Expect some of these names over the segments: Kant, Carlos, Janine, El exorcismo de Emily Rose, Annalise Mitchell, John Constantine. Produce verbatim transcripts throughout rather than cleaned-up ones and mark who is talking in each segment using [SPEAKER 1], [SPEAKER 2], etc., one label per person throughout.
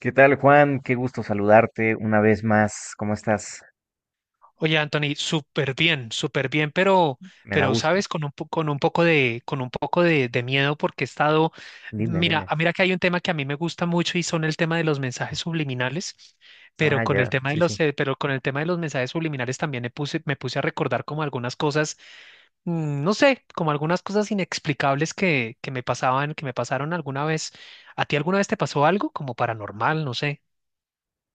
[SPEAKER 1] ¿Qué tal, Juan? Qué gusto saludarte una vez más. ¿Cómo estás?
[SPEAKER 2] Oye, Anthony, súper bien, súper bien, pero,
[SPEAKER 1] Me da
[SPEAKER 2] pero
[SPEAKER 1] gusto.
[SPEAKER 2] sabes, con un, po- con un poco de, con un poco de, de miedo porque he estado,
[SPEAKER 1] Dime,
[SPEAKER 2] mira,
[SPEAKER 1] dime.
[SPEAKER 2] ah, mira que hay un tema que a mí me gusta mucho y son el tema de los mensajes subliminales, pero
[SPEAKER 1] Ah,
[SPEAKER 2] con el
[SPEAKER 1] ya,
[SPEAKER 2] tema de
[SPEAKER 1] sí,
[SPEAKER 2] los,
[SPEAKER 1] sí.
[SPEAKER 2] eh, pero con el tema de los mensajes subliminales también me puse, me puse a recordar como algunas cosas, mm, no sé, como algunas cosas inexplicables que, que me pasaban, que me pasaron alguna vez. ¿A ti alguna vez te pasó algo como paranormal? No sé.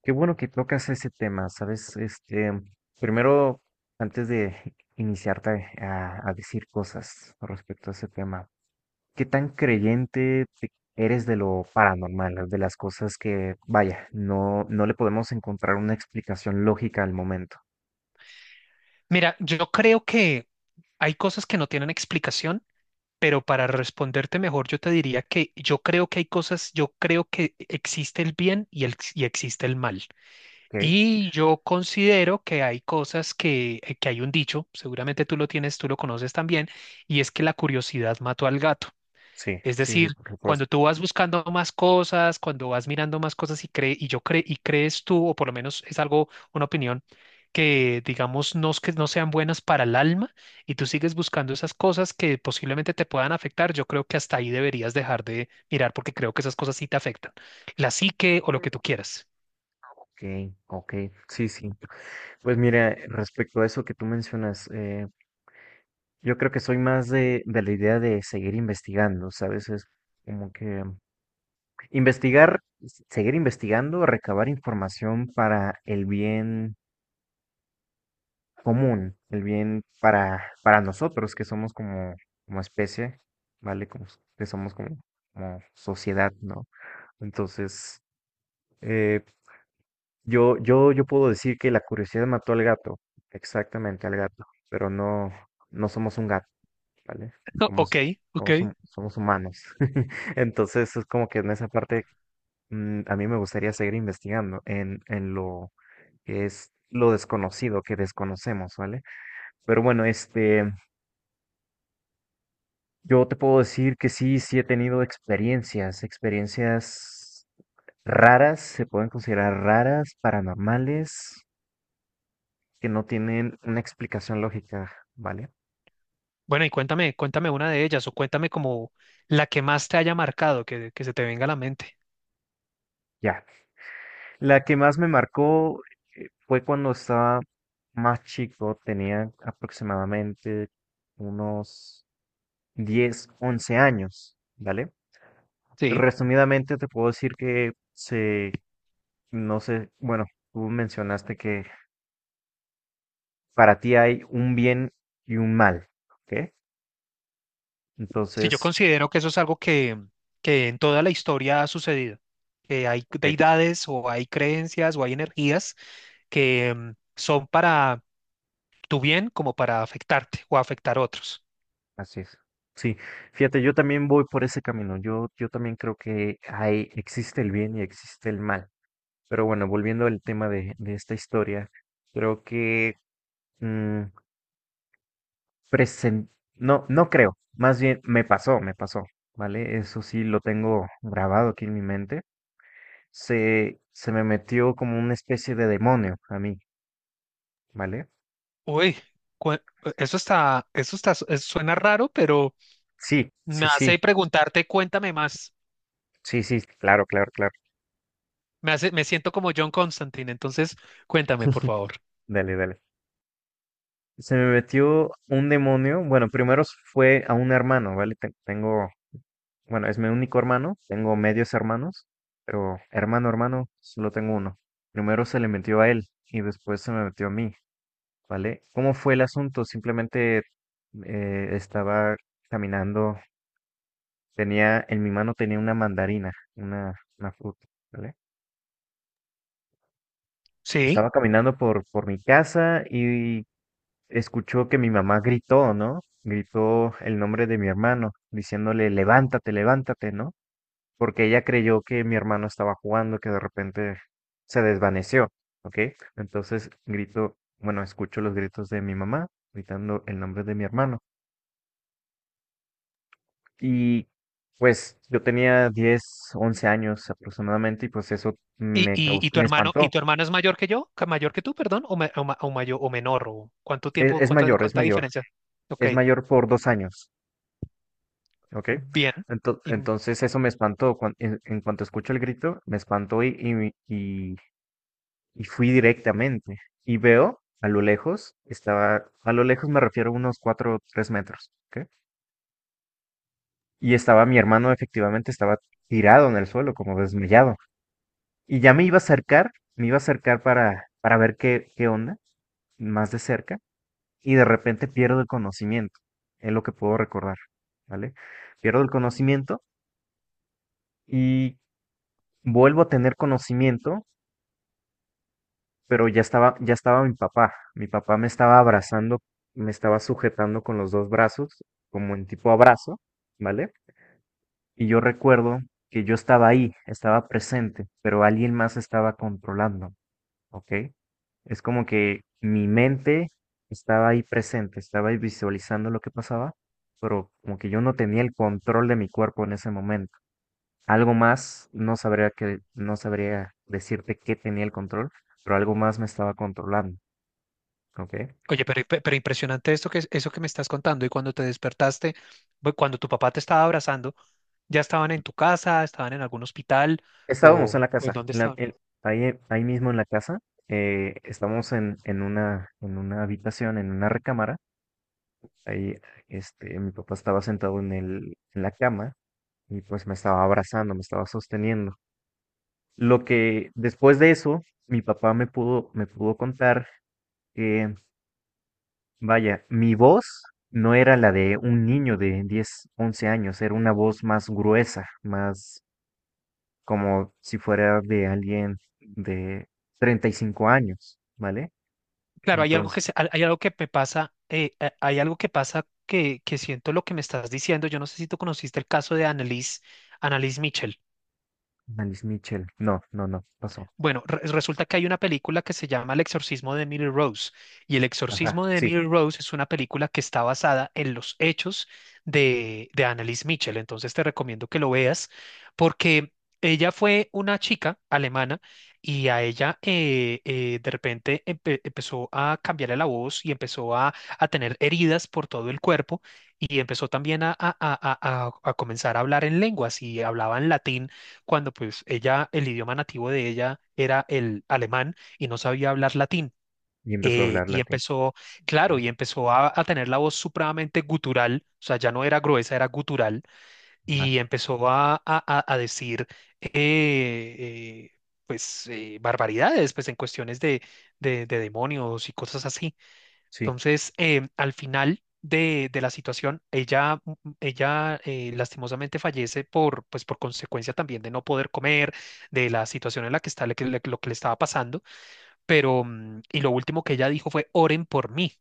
[SPEAKER 1] Qué bueno que tocas ese tema, ¿sabes? Este, primero, antes de iniciarte a, a decir cosas respecto a ese tema, ¿qué tan creyente te- ¿eres de lo paranormal, de las cosas que, vaya, no, no le podemos encontrar una explicación lógica al momento?
[SPEAKER 2] Mira, yo creo que hay cosas que no tienen explicación. Pero para responderte mejor, yo te diría que yo creo que hay cosas, yo creo que existe el bien y, el, y existe el mal.
[SPEAKER 1] ¿Ok?
[SPEAKER 2] Y yo considero que hay cosas que, eh, que hay un dicho, seguramente tú lo tienes, tú lo conoces también, y es que la curiosidad mató al gato.
[SPEAKER 1] Sí,
[SPEAKER 2] Es
[SPEAKER 1] sí, sí,
[SPEAKER 2] decir,
[SPEAKER 1] por
[SPEAKER 2] cuando
[SPEAKER 1] supuesto.
[SPEAKER 2] tú vas buscando más cosas, cuando vas mirando más cosas y cree, y yo cre- y crees tú, o por lo menos es algo, una opinión, que digamos no, es que no sean buenas para el alma, y tú sigues buscando esas cosas que posiblemente te puedan afectar, yo creo que hasta ahí deberías dejar de mirar, porque creo que esas cosas sí te afectan. La psique o lo que tú quieras.
[SPEAKER 1] Ok, ok, sí, sí. Pues mira, respecto a eso que tú mencionas, eh, yo creo que soy más de, de la idea de seguir investigando, ¿sabes? Es como que investigar, s- seguir investigando, recabar información para el bien común, el bien para, para nosotros que somos como, como especie, ¿vale? Como, s- que somos como, como sociedad, ¿no? Entonces, eh, yo, yo, yo puedo decir que la curiosidad mató al gato, exactamente al gato, pero no, no somos un gato. ¿Vale?
[SPEAKER 2] O- Ok,
[SPEAKER 1] Somos,
[SPEAKER 2] ok.
[SPEAKER 1] somos, hum- somos humanos. Entonces es como que en esa parte mm, a mí me gustaría seguir investigando en, en lo que es lo desconocido, que desconocemos, ¿vale? Pero bueno, este, yo te puedo decir que sí, sí he tenido experiencias, experiencias raras, se pueden considerar raras, paranormales, que no tienen una explicación lógica, ¿vale?
[SPEAKER 2] Bueno, y cuéntame, cuéntame una de ellas o cuéntame como la que más te haya marcado, que, que se te venga a la mente.
[SPEAKER 1] Ya. La que más me marcó eh, fue cuando estaba más chico, tenía aproximadamente unos diez, once años, ¿vale?
[SPEAKER 2] Sí,
[SPEAKER 1] Resumidamente te puedo decir que se, no sé, bueno, tú mencionaste que para ti hay un bien y un mal, ¿ok?
[SPEAKER 2] sí, yo
[SPEAKER 1] Entonces,
[SPEAKER 2] considero que eso es algo que, que en toda la historia ha sucedido, que hay
[SPEAKER 1] ok,
[SPEAKER 2] deidades o hay creencias o hay energías que mm, son para tu bien como para afectarte o afectar a otros.
[SPEAKER 1] así es. Sí, fíjate, yo también voy por ese camino. Yo, yo también creo que hay, existe el bien y existe el mal. Pero bueno, volviendo al tema de, de esta historia, creo que mm, presen- no, no creo, más bien me pasó, me pasó, ¿vale? Eso sí lo tengo grabado aquí en mi mente. Se, se me metió como una especie de demonio a mí, ¿vale?
[SPEAKER 2] Uy, cu- eso está, eso está, eso suena raro, pero
[SPEAKER 1] Sí,
[SPEAKER 2] me
[SPEAKER 1] sí, sí,
[SPEAKER 2] hace preguntarte, cuéntame más.
[SPEAKER 1] sí, sí, claro, claro, claro.
[SPEAKER 2] Me hace, me siento como John Constantine, entonces cuéntame, por favor.
[SPEAKER 1] Dale, dale. Se me metió un demonio, bueno, primero fue a un hermano, ¿vale? Te- Tengo, bueno, es mi único hermano, tengo medios hermanos, pero hermano, hermano, solo tengo uno. Primero se le metió a él y después se me metió a mí, ¿vale? ¿Cómo fue el asunto? Simplemente eh, estaba caminando, tenía, en mi mano tenía una mandarina, una, una fruta, ¿vale?
[SPEAKER 2] Sí.
[SPEAKER 1] Estaba caminando por, por mi casa y escuchó que mi mamá gritó, ¿no? Gritó el nombre de mi hermano, diciéndole, levántate, levántate, ¿no? Porque ella creyó que mi hermano estaba jugando, que de repente se desvaneció, ¿ok? Entonces grito, bueno, escucho los gritos de mi mamá gritando el nombre de mi hermano. Y pues yo tenía diez, once años aproximadamente y pues eso
[SPEAKER 2] ¿Y,
[SPEAKER 1] me,
[SPEAKER 2] y,
[SPEAKER 1] caus-
[SPEAKER 2] y tu
[SPEAKER 1] me
[SPEAKER 2] hermano, y
[SPEAKER 1] espantó.
[SPEAKER 2] tu hermano es mayor que yo? ¿Que- Mayor que tú, perdón? ¿O, ma- o, ma- o mayor o menor? ¿O cuánto
[SPEAKER 1] Es,
[SPEAKER 2] tiempo,
[SPEAKER 1] es
[SPEAKER 2] cuánta,
[SPEAKER 1] mayor, es
[SPEAKER 2] cuánta
[SPEAKER 1] mayor,
[SPEAKER 2] diferencia? Ok,
[SPEAKER 1] es mayor por dos años, ¿ok?
[SPEAKER 2] bien.
[SPEAKER 1] Ento-
[SPEAKER 2] Y-
[SPEAKER 1] entonces eso me espantó. cuan- en, en cuanto escucho el grito, me espantó y, y, y fui directamente y veo a lo lejos, estaba, a lo lejos me refiero a unos cuatro o tres metros, ¿ok? Y estaba mi hermano efectivamente, estaba tirado en el suelo, como desmayado. Y ya me iba a acercar, me iba a acercar para, para ver qué, qué onda, más de cerca, y de repente pierdo el conocimiento, es lo que puedo recordar, ¿vale? Pierdo el conocimiento y vuelvo a tener conocimiento pero ya estaba, ya estaba mi papá. Mi papá me estaba abrazando, me estaba sujetando con los dos brazos, como en tipo abrazo, ¿vale? Y yo recuerdo que yo estaba ahí, estaba presente, pero alguien más estaba controlando, ¿ok? Es como que mi mente estaba ahí presente, estaba ahí visualizando lo que pasaba, pero como que yo no tenía el control de mi cuerpo en ese momento. Algo más, no sabría que, no sabría decirte qué tenía el control, pero algo más me estaba controlando. Ok.
[SPEAKER 2] Oye, pero, pe- pero impresionante esto que, es- eso que me estás contando. Y cuando te despertaste, bu- cuando tu papá te estaba abrazando, ¿ya estaban en tu casa? ¿Estaban en algún hospital?
[SPEAKER 1] Estábamos en
[SPEAKER 2] ¿O,
[SPEAKER 1] la
[SPEAKER 2] o en
[SPEAKER 1] casa,
[SPEAKER 2] dónde
[SPEAKER 1] en la-
[SPEAKER 2] estaban?
[SPEAKER 1] en- ahí, en- ahí mismo en la casa. Eh, estamos en, en una, en una habitación, en una recámara. Ahí, este, mi papá estaba sentado en el, en la cama y pues me estaba abrazando, me estaba sosteniendo. Lo que después de eso, mi papá me pudo, me pudo contar que, vaya, mi voz no era la de un niño de diez once años, era una voz más gruesa, más, como si fuera de alguien de treinta y cinco años, ¿vale?
[SPEAKER 2] Claro, hay algo que
[SPEAKER 1] Entonces,
[SPEAKER 2] se- hay hay algo que me pasa, eh, eh, hay algo que pasa que, que siento lo que me estás diciendo. Yo no sé si tú conociste el caso de Annalise, Annalise Mitchell.
[SPEAKER 1] Alice Mitchell, no, no, no, pasó.
[SPEAKER 2] Bueno, re- resulta que hay una película que se llama El exorcismo de Emily Rose y El
[SPEAKER 1] Ajá,
[SPEAKER 2] exorcismo de
[SPEAKER 1] sí,
[SPEAKER 2] Emily Rose es una película que está basada en los hechos de, de Annalise Mitchell. Entonces te recomiendo que lo veas porque ella fue una chica alemana y a ella eh, eh, de repente empe- empezó a cambiarle la voz y empezó a, a tener heridas por todo el cuerpo y empezó también a, a a- a- a- a comenzar a hablar en lenguas y hablaba en latín cuando pues ella, el idioma nativo de ella era el alemán y no sabía hablar latín.
[SPEAKER 1] y empezó a
[SPEAKER 2] Eh,
[SPEAKER 1] hablar
[SPEAKER 2] y
[SPEAKER 1] latín.
[SPEAKER 2] empezó, claro, y
[SPEAKER 1] Bien,
[SPEAKER 2] empezó a, a- tener la voz supremamente gutural, o sea, ya no era gruesa, era gutural,
[SPEAKER 1] ajá,
[SPEAKER 2] y empezó a, a- a- a decir, eh, eh, pues, eh, barbaridades, pues en cuestiones de, de, de demonios y cosas así.
[SPEAKER 1] sí,
[SPEAKER 2] Entonces, em, al final de, de la situación, ella, mm, mm, ella eh, lastimosamente fallece por, pues, por consecuencia también de no poder comer, de la situación en la que está, le- que le- lo que le estaba pasando. Pero, mm, y lo último que ella dijo fue, oren por mí.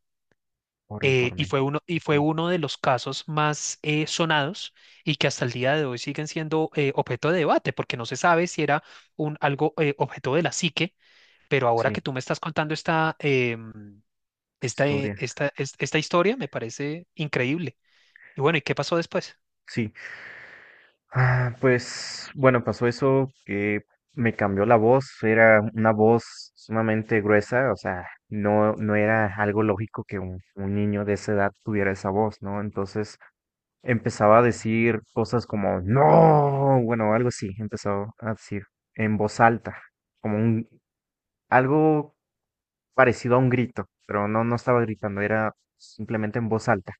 [SPEAKER 1] oren por
[SPEAKER 2] eh, Y
[SPEAKER 1] mí.
[SPEAKER 2] fue uno, y fue
[SPEAKER 1] Ajá,
[SPEAKER 2] uno de los casos más eh, sonados y que hasta el día de hoy siguen siendo eh, objeto de debate, porque no se sabe si era un, algo eh, objeto de la psique, pero ahora que
[SPEAKER 1] sí,
[SPEAKER 2] tú me estás contando esta, em, esta, eh,
[SPEAKER 1] historia,
[SPEAKER 2] esta, es- esta historia me parece increíble. Y bueno, ¿y qué pasó después?
[SPEAKER 1] sí. Ah, pues, bueno, pasó eso que me cambió la voz, era una voz sumamente gruesa, o sea, no, no era algo lógico que un, un niño de esa edad tuviera esa voz, ¿no? Entonces, empezaba a decir cosas como no, bueno, algo así, empezó a decir en voz alta, como un algo parecido a un grito, pero no no estaba gritando, era simplemente en voz alta.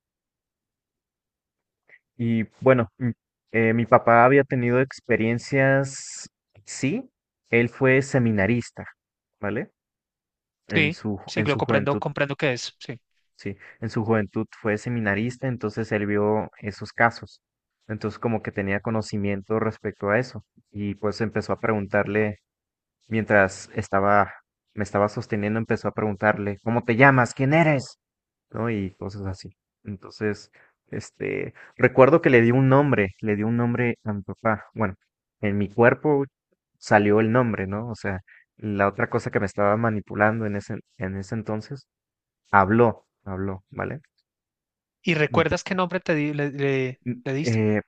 [SPEAKER 1] Y bueno, mm, eh, mi papá había tenido experiencias, sí, él fue seminarista, ¿vale? En
[SPEAKER 2] Sí,
[SPEAKER 1] su
[SPEAKER 2] sí,
[SPEAKER 1] en
[SPEAKER 2] lo
[SPEAKER 1] su
[SPEAKER 2] comprendo,
[SPEAKER 1] juventud.
[SPEAKER 2] comprendo qué es, sí.
[SPEAKER 1] Sí, en su juventud fue seminarista, entonces él vio esos casos. Entonces como que tenía conocimiento respecto a eso y pues empezó a preguntarle, mientras estaba, me estaba sosteniendo, empezó a preguntarle, ¿cómo te llamas? ¿Quién eres? ¿No? Y cosas así. Entonces, este, recuerdo que le di un nombre, le di un nombre a mi papá. Bueno, en mi cuerpo salió el nombre, ¿no? O sea, la otra cosa que me estaba manipulando en ese, en ese entonces, habló, habló, ¿vale?
[SPEAKER 2] ¿Y
[SPEAKER 1] Mm,
[SPEAKER 2] recuerdas qué nombre te di- le, le-
[SPEAKER 1] mm,
[SPEAKER 2] le diste?
[SPEAKER 1] eh,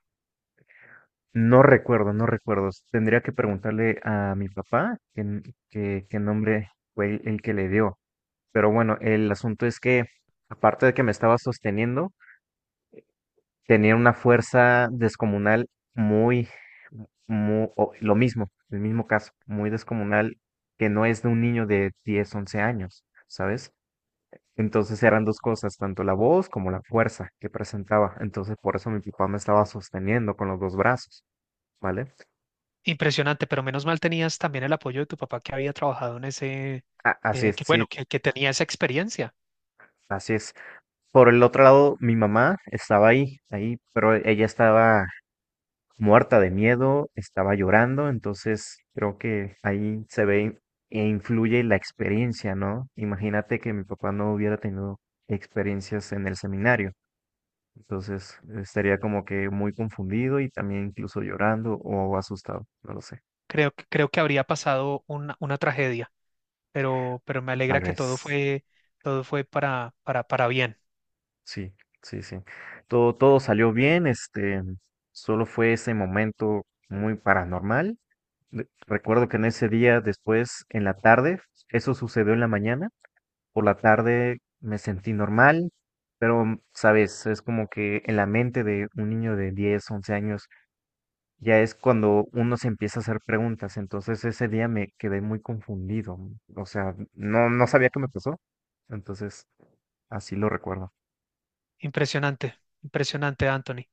[SPEAKER 1] no recuerdo, no recuerdo. Tendría que preguntarle a mi papá qué, n- qué- qué nombre fue el, el que le dio. Pero bueno, el asunto es que, aparte de que me estaba sosteniendo, tenía una fuerza descomunal muy, muy, lo mismo, el mismo caso, muy descomunal, que no es de un niño de diez, once años, ¿sabes? Entonces eran dos cosas, tanto la voz como la fuerza que presentaba. Entonces por eso mi papá me estaba sosteniendo con los dos brazos, ¿vale?
[SPEAKER 2] Impresionante, pero menos mal tenías también el apoyo de tu papá que había trabajado en ese,
[SPEAKER 1] A- Así
[SPEAKER 2] eh,
[SPEAKER 1] es,
[SPEAKER 2] que
[SPEAKER 1] sí,
[SPEAKER 2] bueno, que, que tenía esa experiencia.
[SPEAKER 1] así es. Por el otro lado, mi mamá estaba ahí, ahí, pero ella estaba muerta de miedo, estaba llorando, entonces creo que ahí se ve e influye la experiencia, ¿no? Imagínate que mi papá no hubiera tenido experiencias en el seminario, entonces estaría como que muy confundido y también incluso llorando o asustado, no lo sé,
[SPEAKER 2] Creo, que- creo que habría pasado una, una tragedia. pero, pero me
[SPEAKER 1] tal
[SPEAKER 2] alegra que todo
[SPEAKER 1] vez.
[SPEAKER 2] fue, todo fue para, para, para bien.
[SPEAKER 1] Sí, sí, sí. Todo, todo salió bien, este, solo fue ese momento muy paranormal. De- Recuerdo que en ese día, después, en la tarde, eso sucedió en la mañana, por la tarde me sentí normal, pero, mm, sabes, es como que en la mente de un niño de diez, once años, ya es cuando uno se empieza a hacer preguntas. Entonces ese día me quedé muy confundido, o sea, no, no sabía qué me pasó. Entonces, así lo recuerdo.
[SPEAKER 2] Impresionante, impresionante, Anthony.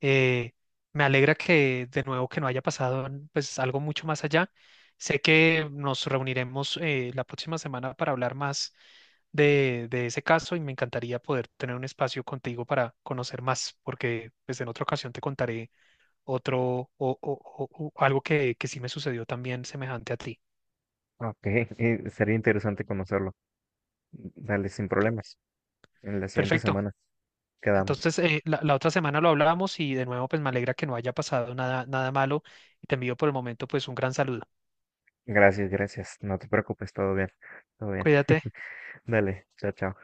[SPEAKER 2] Eh, Me alegra que de nuevo que no haya pasado mm, pues algo mucho más allá. Sé que nos reuniremos eh, la próxima semana para hablar más de, de ese caso y me encantaría poder tener un espacio contigo para conocer más, porque pues en otra ocasión te contaré otro o, o- o- o algo que, que sí me sucedió también semejante a ti.
[SPEAKER 1] Ok, eh, sería interesante conocerlo. Dale, sin problemas. En la siguiente
[SPEAKER 2] Perfecto.
[SPEAKER 1] semana quedamos.
[SPEAKER 2] Entonces, eh, la, la otra semana lo hablábamos y de nuevo, pues me alegra que no haya pasado nada, nada malo y te envío por el momento, pues un gran saludo.
[SPEAKER 1] Gracias, gracias. No te preocupes, todo bien, todo bien.
[SPEAKER 2] Cuídate.
[SPEAKER 1] Dale, chao, chao.